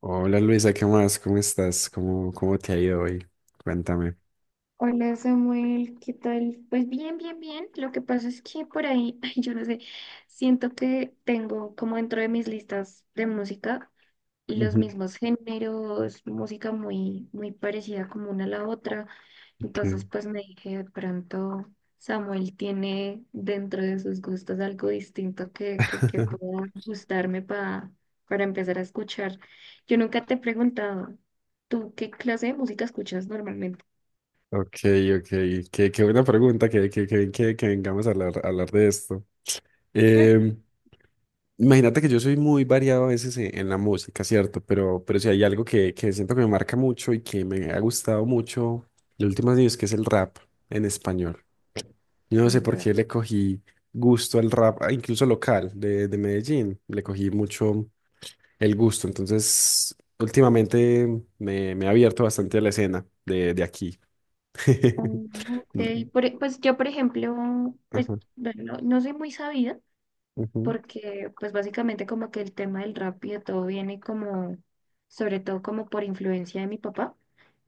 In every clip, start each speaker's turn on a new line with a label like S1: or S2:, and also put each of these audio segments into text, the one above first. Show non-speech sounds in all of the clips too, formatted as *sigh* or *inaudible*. S1: Hola Luisa, ¿qué más? ¿Cómo estás? ¿Cómo te ha ido hoy? Cuéntame.
S2: Hola Samuel, ¿qué tal? Pues bien. Lo que pasa es que por ahí, *laughs* ay, yo no sé, siento que tengo como dentro de mis listas de música los
S1: Ujú.
S2: mismos géneros, música muy parecida como una a la otra. Entonces,
S1: ¿Qué?
S2: pues me dije, de pronto Samuel tiene dentro de sus gustos algo distinto que
S1: *laughs*
S2: pueda gustarme para empezar a escuchar. Yo nunca te he preguntado, ¿tú qué clase de música escuchas normalmente?
S1: Ok, ok. Qué buena pregunta, que vengamos a hablar, de esto.
S2: *laughs*
S1: Em, imagínate que yo soy muy variado a veces en la música, ¿cierto? Pero si hay algo que siento que me marca mucho y que me ha gustado mucho los últimos años, que es el rap en español. Yo no sé por
S2: Indra.
S1: qué le cogí gusto al rap, incluso local, de Medellín. Le cogí mucho el gusto. Entonces, últimamente me he abierto bastante a la escena de aquí. *laughs*
S2: Oh, ok.
S1: Mm,
S2: Pues yo, por ejemplo, pues
S1: ajá,
S2: bueno, no, no soy muy sabida
S1: ujú,
S2: porque pues básicamente como que el tema del rap y de todo viene como, sobre todo como por influencia de mi papá,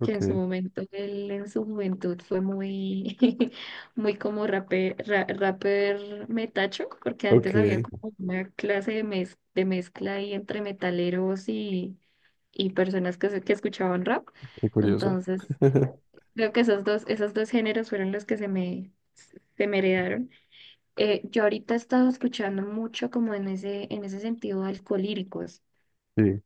S2: que
S1: ok,
S2: en su momento, él en su juventud fue muy, *laughs* muy como rapper, rapper metacho, porque
S1: ok,
S2: antes había
S1: qué
S2: como una clase de, de mezcla ahí entre metaleros y personas que escuchaban rap.
S1: curioso.
S2: Entonces
S1: *laughs*
S2: creo que esos dos géneros fueron los que se me heredaron. Yo ahorita he estado escuchando mucho como en ese sentido alcolíricos.
S1: Sí,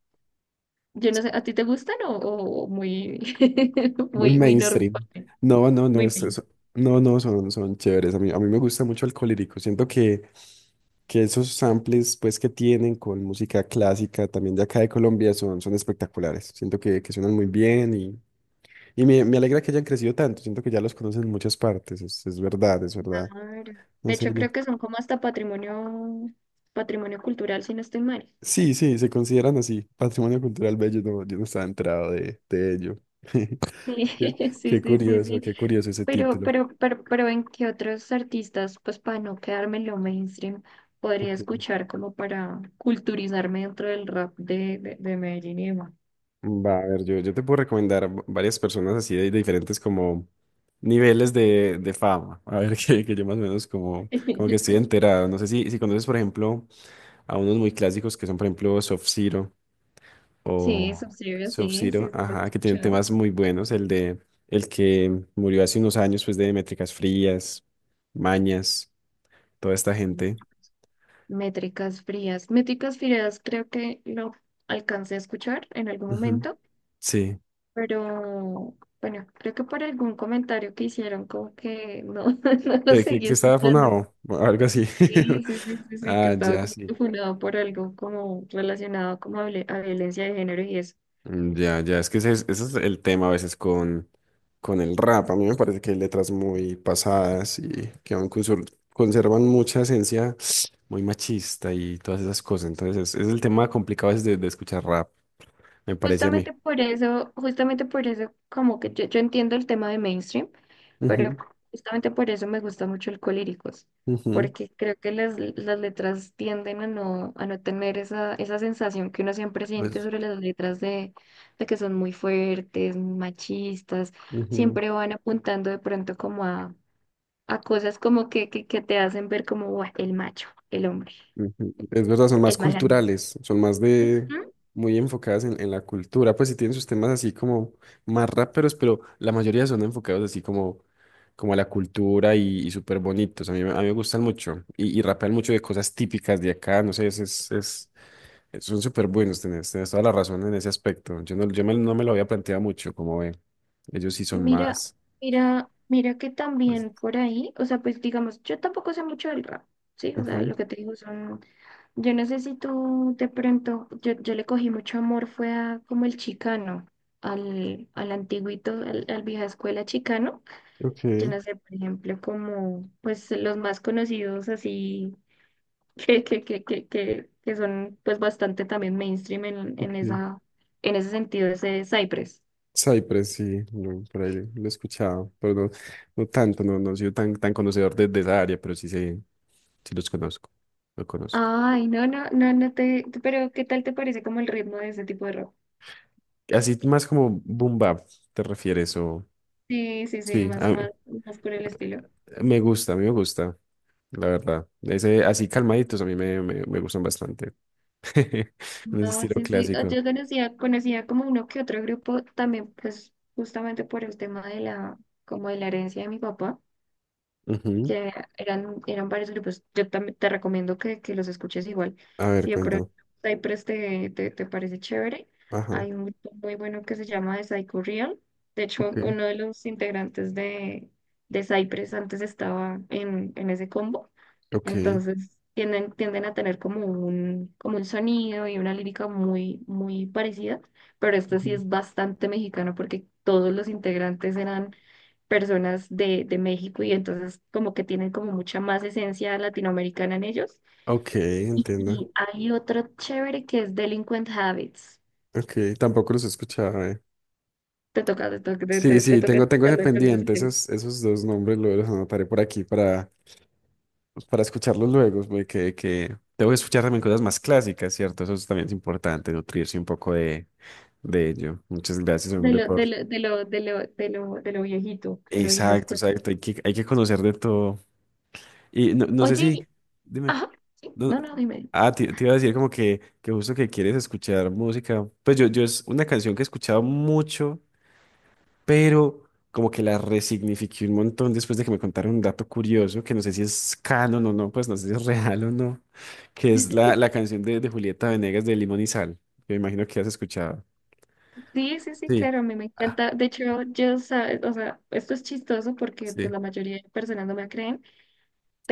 S2: Yo no sé, ¿a ti te gustan o muy, *laughs*
S1: muy
S2: muy normal?
S1: mainstream. No, no, no,
S2: ¿Muy mainstream?
S1: no, no, son chéveres. A mí me gusta mucho el colírico. Siento que esos samples pues, que tienen con música clásica también de acá de Colombia son espectaculares. Siento que suenan muy bien. Y me alegra que hayan crecido tanto. Siento que ya los conocen en muchas partes. Es verdad, es verdad.
S2: Claro.
S1: No
S2: De
S1: sé
S2: hecho,
S1: yo.
S2: creo que son como hasta patrimonio, patrimonio cultural, si no estoy mal.
S1: Sí, sí, se consideran así. Patrimonio cultural bello. No, yo no estaba enterado de ello. *laughs*
S2: Sí,
S1: Qué,
S2: *laughs* sí,
S1: qué
S2: sí, sí,
S1: curioso,
S2: sí.
S1: qué curioso ese
S2: Pero,
S1: título.
S2: pero, pero, pero ¿en qué otros artistas, pues para no quedarme en lo mainstream, podría
S1: Ok.
S2: escuchar como para culturizarme dentro del rap de Medellín y demás?
S1: Va, a ver, yo te puedo recomendar varias personas así de, diferentes como niveles de fama. A ver, *laughs* que yo más o menos como que estoy
S2: *laughs*
S1: enterado. No sé si conoces, por ejemplo, a unos muy clásicos que son, por ejemplo, Soft Ciro.
S2: Sí,
S1: O
S2: Subsidio, sí,
S1: Sub-Zero,
S2: lo he
S1: ajá, que tienen
S2: escuchado.
S1: temas muy buenos. El que murió hace unos años, pues de Métricas Frías, Mañas, toda esta gente.
S2: Métricas frías. Métricas frías creo que lo alcancé a escuchar en algún
S1: Ujú.
S2: momento,
S1: Sí.
S2: pero bueno, creo que por algún comentario que hicieron como que no, *laughs* no lo
S1: Que, que,
S2: seguí
S1: que estaba
S2: escuchando.
S1: funado, o algo así.
S2: Sí,
S1: *laughs*
S2: sí, sí, sí, sí, que
S1: Ah,
S2: estaba
S1: ya,
S2: como
S1: sí.
S2: que fundado por algo como relacionado como a, a violencia de género y eso.
S1: Mm, ya, ya, es que ese es el tema a veces con el rap. A mí me parece que hay letras muy pasadas y que aún conservan mucha esencia muy machista y todas esas cosas. Entonces, es el tema complicado a veces de escuchar rap, me parece a mí.
S2: Justamente por eso, justamente por eso, como que yo entiendo el tema de mainstream, pero justamente por eso me gusta mucho el Colíricos,
S1: Ujú, ujú,
S2: porque creo que las letras tienden a no tener esa, esa sensación que uno siempre siente
S1: pues,
S2: sobre las letras de que son muy fuertes, muy machistas,
S1: ujú,
S2: siempre van apuntando de pronto como a cosas como que te hacen ver como "Buah, el macho, el hombre,
S1: ujú. Es verdad, son
S2: el
S1: más
S2: malandro".
S1: culturales, son más de
S2: Ujú.
S1: muy enfocadas en la cultura, pues sí tienen sus temas así como más raperos, pero la mayoría son enfocados así como a la cultura y súper bonitos. A mí me gustan mucho y rapean mucho de cosas típicas de acá, no sé, son súper buenos, tenés toda la razón en ese aspecto. Yo no me lo había planteado mucho, como ve, ellos sí son
S2: Mira,
S1: más.
S2: mira que
S1: Pues,
S2: también por ahí, o sea, pues digamos, yo tampoco sé mucho del rap, ¿sí? O sea,
S1: ujú,
S2: lo que te digo son, yo no sé si tú de pronto, yo le cogí mucho amor, fue a como el chicano, al antiguito, al vieja escuela chicano. Yo
S1: ok,
S2: no sé, por ejemplo, como pues los más conocidos así que son pues bastante también mainstream en
S1: ok.
S2: esa, en ese sentido, ese Cypress.
S1: Cypress, sí, no, por ahí lo he escuchado, pero no, no tanto, no, no he sido tan conocedor de esa área, pero sí sé, sí los conozco, lo conozco.
S2: Ay, no te, pero ¿qué tal te parece como el ritmo de ese tipo de rock?
S1: Así más como boom bap, ¿te refieres? O,
S2: Sí,
S1: sí,
S2: más, más por el estilo.
S1: me gusta, a mí me gusta, la verdad. Ese, así calmaditos a mí me gustan bastante, *laughs* en ese
S2: No,
S1: estilo
S2: sí, sí,
S1: clásico.
S2: yo conocía, conocía como uno que otro grupo también, pues justamente por el tema de la, como de la herencia de mi papá.
S1: Ujú.
S2: Que eran, eran varios grupos. Yo también te recomiendo que los escuches igual.
S1: A ver,
S2: Si de pronto
S1: cuéntame.
S2: Cypress te, te parece chévere,
S1: Ajá,
S2: hay un grupo muy bueno que se llama The Psycho Real. De hecho,
S1: ok,
S2: uno de los integrantes de Cypress antes estaba en ese combo.
S1: ok,
S2: Entonces tienden a tener como un sonido y una lírica muy parecida, pero esto sí
S1: ujú.
S2: es bastante mexicano porque todos los integrantes eran personas de México y entonces como que tienen como mucha más esencia latinoamericana en ellos.
S1: Ok, entiendo.
S2: Y hay otro chévere que es Delinquent Habits.
S1: Ok, tampoco los he escuchado, eh. Sí,
S2: Te
S1: sí,
S2: toca
S1: tengo
S2: escuchar
S1: ese
S2: Delinquent
S1: pendiente,
S2: Habits.
S1: esos dos nombres los anotaré por aquí para, pues, para escucharlos luego, güey, que tengo que escuchar también cosas más clásicas, ¿cierto? Eso también es importante, nutrirse un poco de ello. Muchas gracias,
S2: De
S1: hombre,
S2: lo,
S1: por...
S2: de lo, de lo, de lo, de lo, De lo viejito, de lo vieja
S1: Exacto,
S2: escuela.
S1: exacto, hay que conocer de todo. Y no, no sé
S2: Oye,
S1: si, dime,
S2: ajá, sí,
S1: no-
S2: no, no, dime.
S1: te iba a decir como que justo que quieres escuchar música, pues yo es una canción que he escuchado mucho, pero como que la resignifiqué un montón después de que me contaron un dato curioso, que no sé si es canon o no, pues no sé si es real o no, que es la,
S2: *laughs*
S1: la canción de Julieta Venegas, de Limón y Sal, que me imagino que has escuchado.
S2: Sí,
S1: Sí.
S2: claro, a mí me
S1: Ah,
S2: encanta. De hecho, yo, sabes, o sea, esto es chistoso porque pues,
S1: sí.
S2: la mayoría de personas no me creen,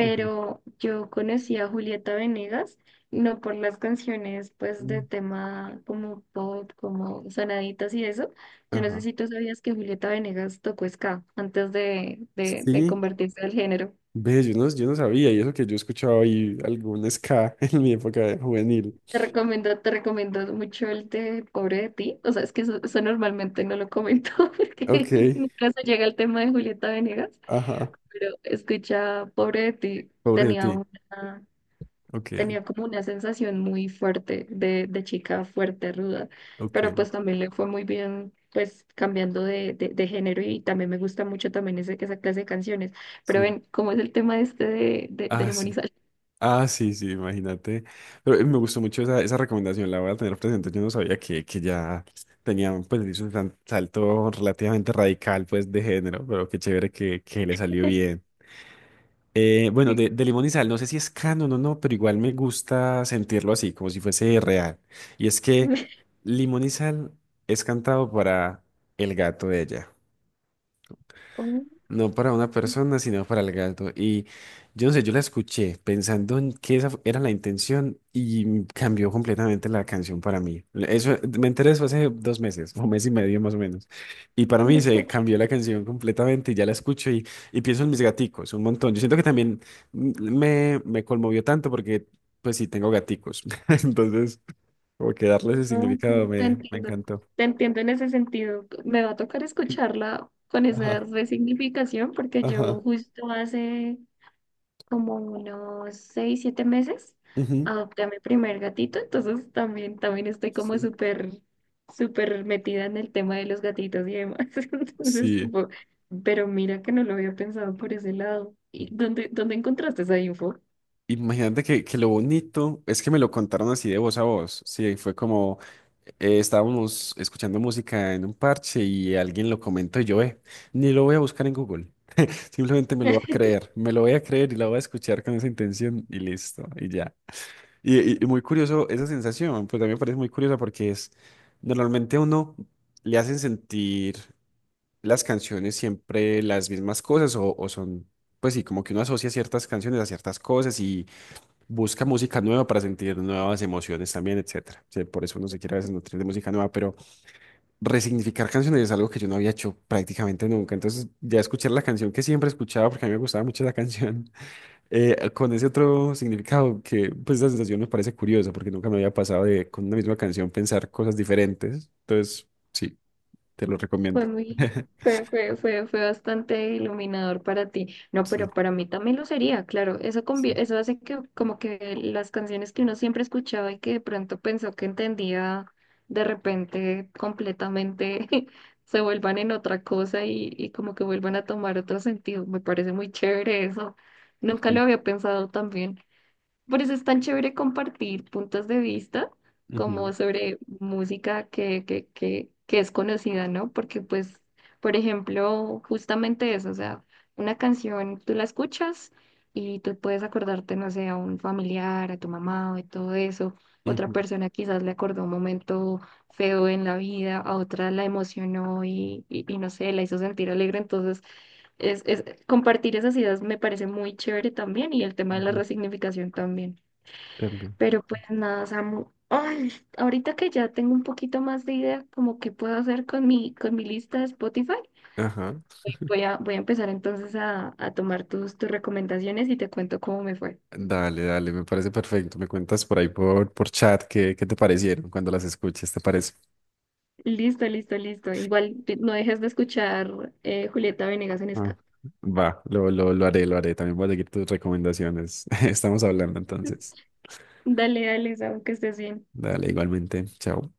S1: Ujú.
S2: yo conocí a Julieta Venegas, no por las canciones, pues, de tema como pop, como sonaditas y eso. Yo no sé
S1: Ajá.
S2: si tú sabías que Julieta Venegas tocó ska antes de
S1: Sí,
S2: convertirse al género.
S1: ve, yo no sabía, y eso que yo escuchaba ahí algún ska *laughs* en mi época juvenil.
S2: Te recomiendo mucho el de Pobre de ti. O sea, es que eso normalmente no lo comento *laughs* porque
S1: Ok,
S2: nunca se llega al tema de Julieta Venegas.
S1: ajá,
S2: Pero escucha, pobre de ti,
S1: pobre de
S2: tenía
S1: ti.
S2: una,
S1: Ok,
S2: tenía como una sensación muy fuerte de chica fuerte, ruda, pero
S1: ok,
S2: pues también le fue muy bien, pues cambiando de género y también me gusta mucho también ese, esa clase de canciones. Pero
S1: sí.
S2: ven, ¿cómo es el tema este de
S1: Ah, sí.
S2: Lemonizal? *laughs*
S1: Ah, sí, sí, imagínate. Pero me gustó mucho esa recomendación, la voy a tener presente. Yo no sabía que ya tenía, pues, hizo un salto relativamente radical, pues, de género, pero qué chévere que le salió bien. Bueno,
S2: Sí.
S1: de Limón y Sal, no sé si es canon o no, pero igual me gusta sentirlo así, como si fuese real. Y es que Limón y Sal es cantado para el gato de ella.
S2: Oh,
S1: No para una persona, sino para el gato. Y yo no sé, yo la escuché pensando en que esa era la intención, y cambió completamente la canción para mí. Eso, me enteré eso hace 2 meses, o mes y medio más o menos. Y para mí se
S2: no.
S1: cambió la canción completamente y ya la escucho, y pienso en mis gaticos un montón. Yo siento que también me conmovió tanto porque, pues sí, tengo gaticos. *laughs* Entonces, como que darle ese
S2: Te
S1: significado
S2: te
S1: me
S2: entiendo,
S1: encantó.
S2: te entiendo en ese sentido. Me va a tocar
S1: Sí.
S2: escucharla con esa
S1: Ajá,
S2: resignificación porque yo
S1: ajá.
S2: justo hace como unos 6, 7 meses,
S1: Ujú.
S2: adopté a mi primer gatito, entonces también, también estoy como
S1: Sí.
S2: súper, súper metida en el tema de los gatitos y demás. *laughs* Entonces,
S1: Sí.
S2: pero mira que no lo había pensado por ese lado. ¿Y dónde, dónde encontraste esa info?
S1: Imagínate que lo bonito es que me lo contaron así de voz a voz. Sí, fue como estábamos escuchando música en un parche y alguien lo comentó, y yo, ni lo voy a buscar en Google. *laughs* Simplemente me lo voy a creer, me lo voy a creer, y la voy a escuchar con esa intención y listo, y ya. Y muy curioso esa sensación, pues a mí me parece muy curiosa porque es, normalmente a uno le hacen sentir las canciones siempre las mismas cosas, o son, pues sí, como que uno asocia ciertas canciones a ciertas cosas, busca música nueva para sentir nuevas emociones también, etcétera. Sí, por eso uno se quiere a veces nutrir de música nueva, pero resignificar canciones es algo que yo no había hecho prácticamente nunca. Entonces, ya escuchar la canción que siempre escuchaba, porque a mí me gustaba mucho la canción, *laughs* con ese otro significado que, pues, la sensación me parece curiosa, porque nunca me había pasado, de con una misma canción pensar cosas diferentes. Entonces, sí, te lo recomiendo.
S2: Fue muy,
S1: *laughs*
S2: fue, fue, fue, Fue bastante iluminador para ti. No,
S1: Sí,
S2: pero para mí también lo sería, claro. Eso,
S1: sí,
S2: eso hace que como que las canciones que uno siempre escuchaba y que de pronto pensó que entendía, de repente completamente *laughs* se vuelvan en otra cosa y como que vuelvan a tomar otro sentido. Me parece muy chévere eso. Nunca lo
S1: sí.
S2: había pensado también. Por eso es tan chévere compartir puntos de vista
S1: Ujú,
S2: como sobre música que es conocida, ¿no? Porque pues, por ejemplo, justamente eso, o sea, una canción tú la escuchas y tú puedes acordarte, no sé, a un familiar, a tu mamá y todo eso. Otra
S1: ujú,
S2: persona quizás le acordó un momento feo en la vida, a otra la emocionó y no sé, la hizo sentir alegre. Entonces, compartir esas ideas me parece muy chévere también y el tema de la
S1: ujú,
S2: resignificación también.
S1: también.
S2: Pero pues nada, Samu. Ay, ahorita que ya tengo un poquito más de idea como que puedo hacer con mi lista de Spotify,
S1: Ajá.
S2: voy a, voy a empezar entonces a tomar tus, tus recomendaciones y te cuento cómo me fue.
S1: Dale, dale, me parece perfecto. Me cuentas por ahí por chat qué te parecieron cuando las escuches, ¿te parece?
S2: Listo. Igual no dejes de escuchar Julieta Venegas en
S1: Ah,
S2: ska.
S1: va, lo haré, lo haré. También voy a seguir tus recomendaciones. *laughs* Estamos hablando entonces.
S2: *laughs* Dale, dale, Samu, que estés bien.
S1: Dale, igualmente. Chao.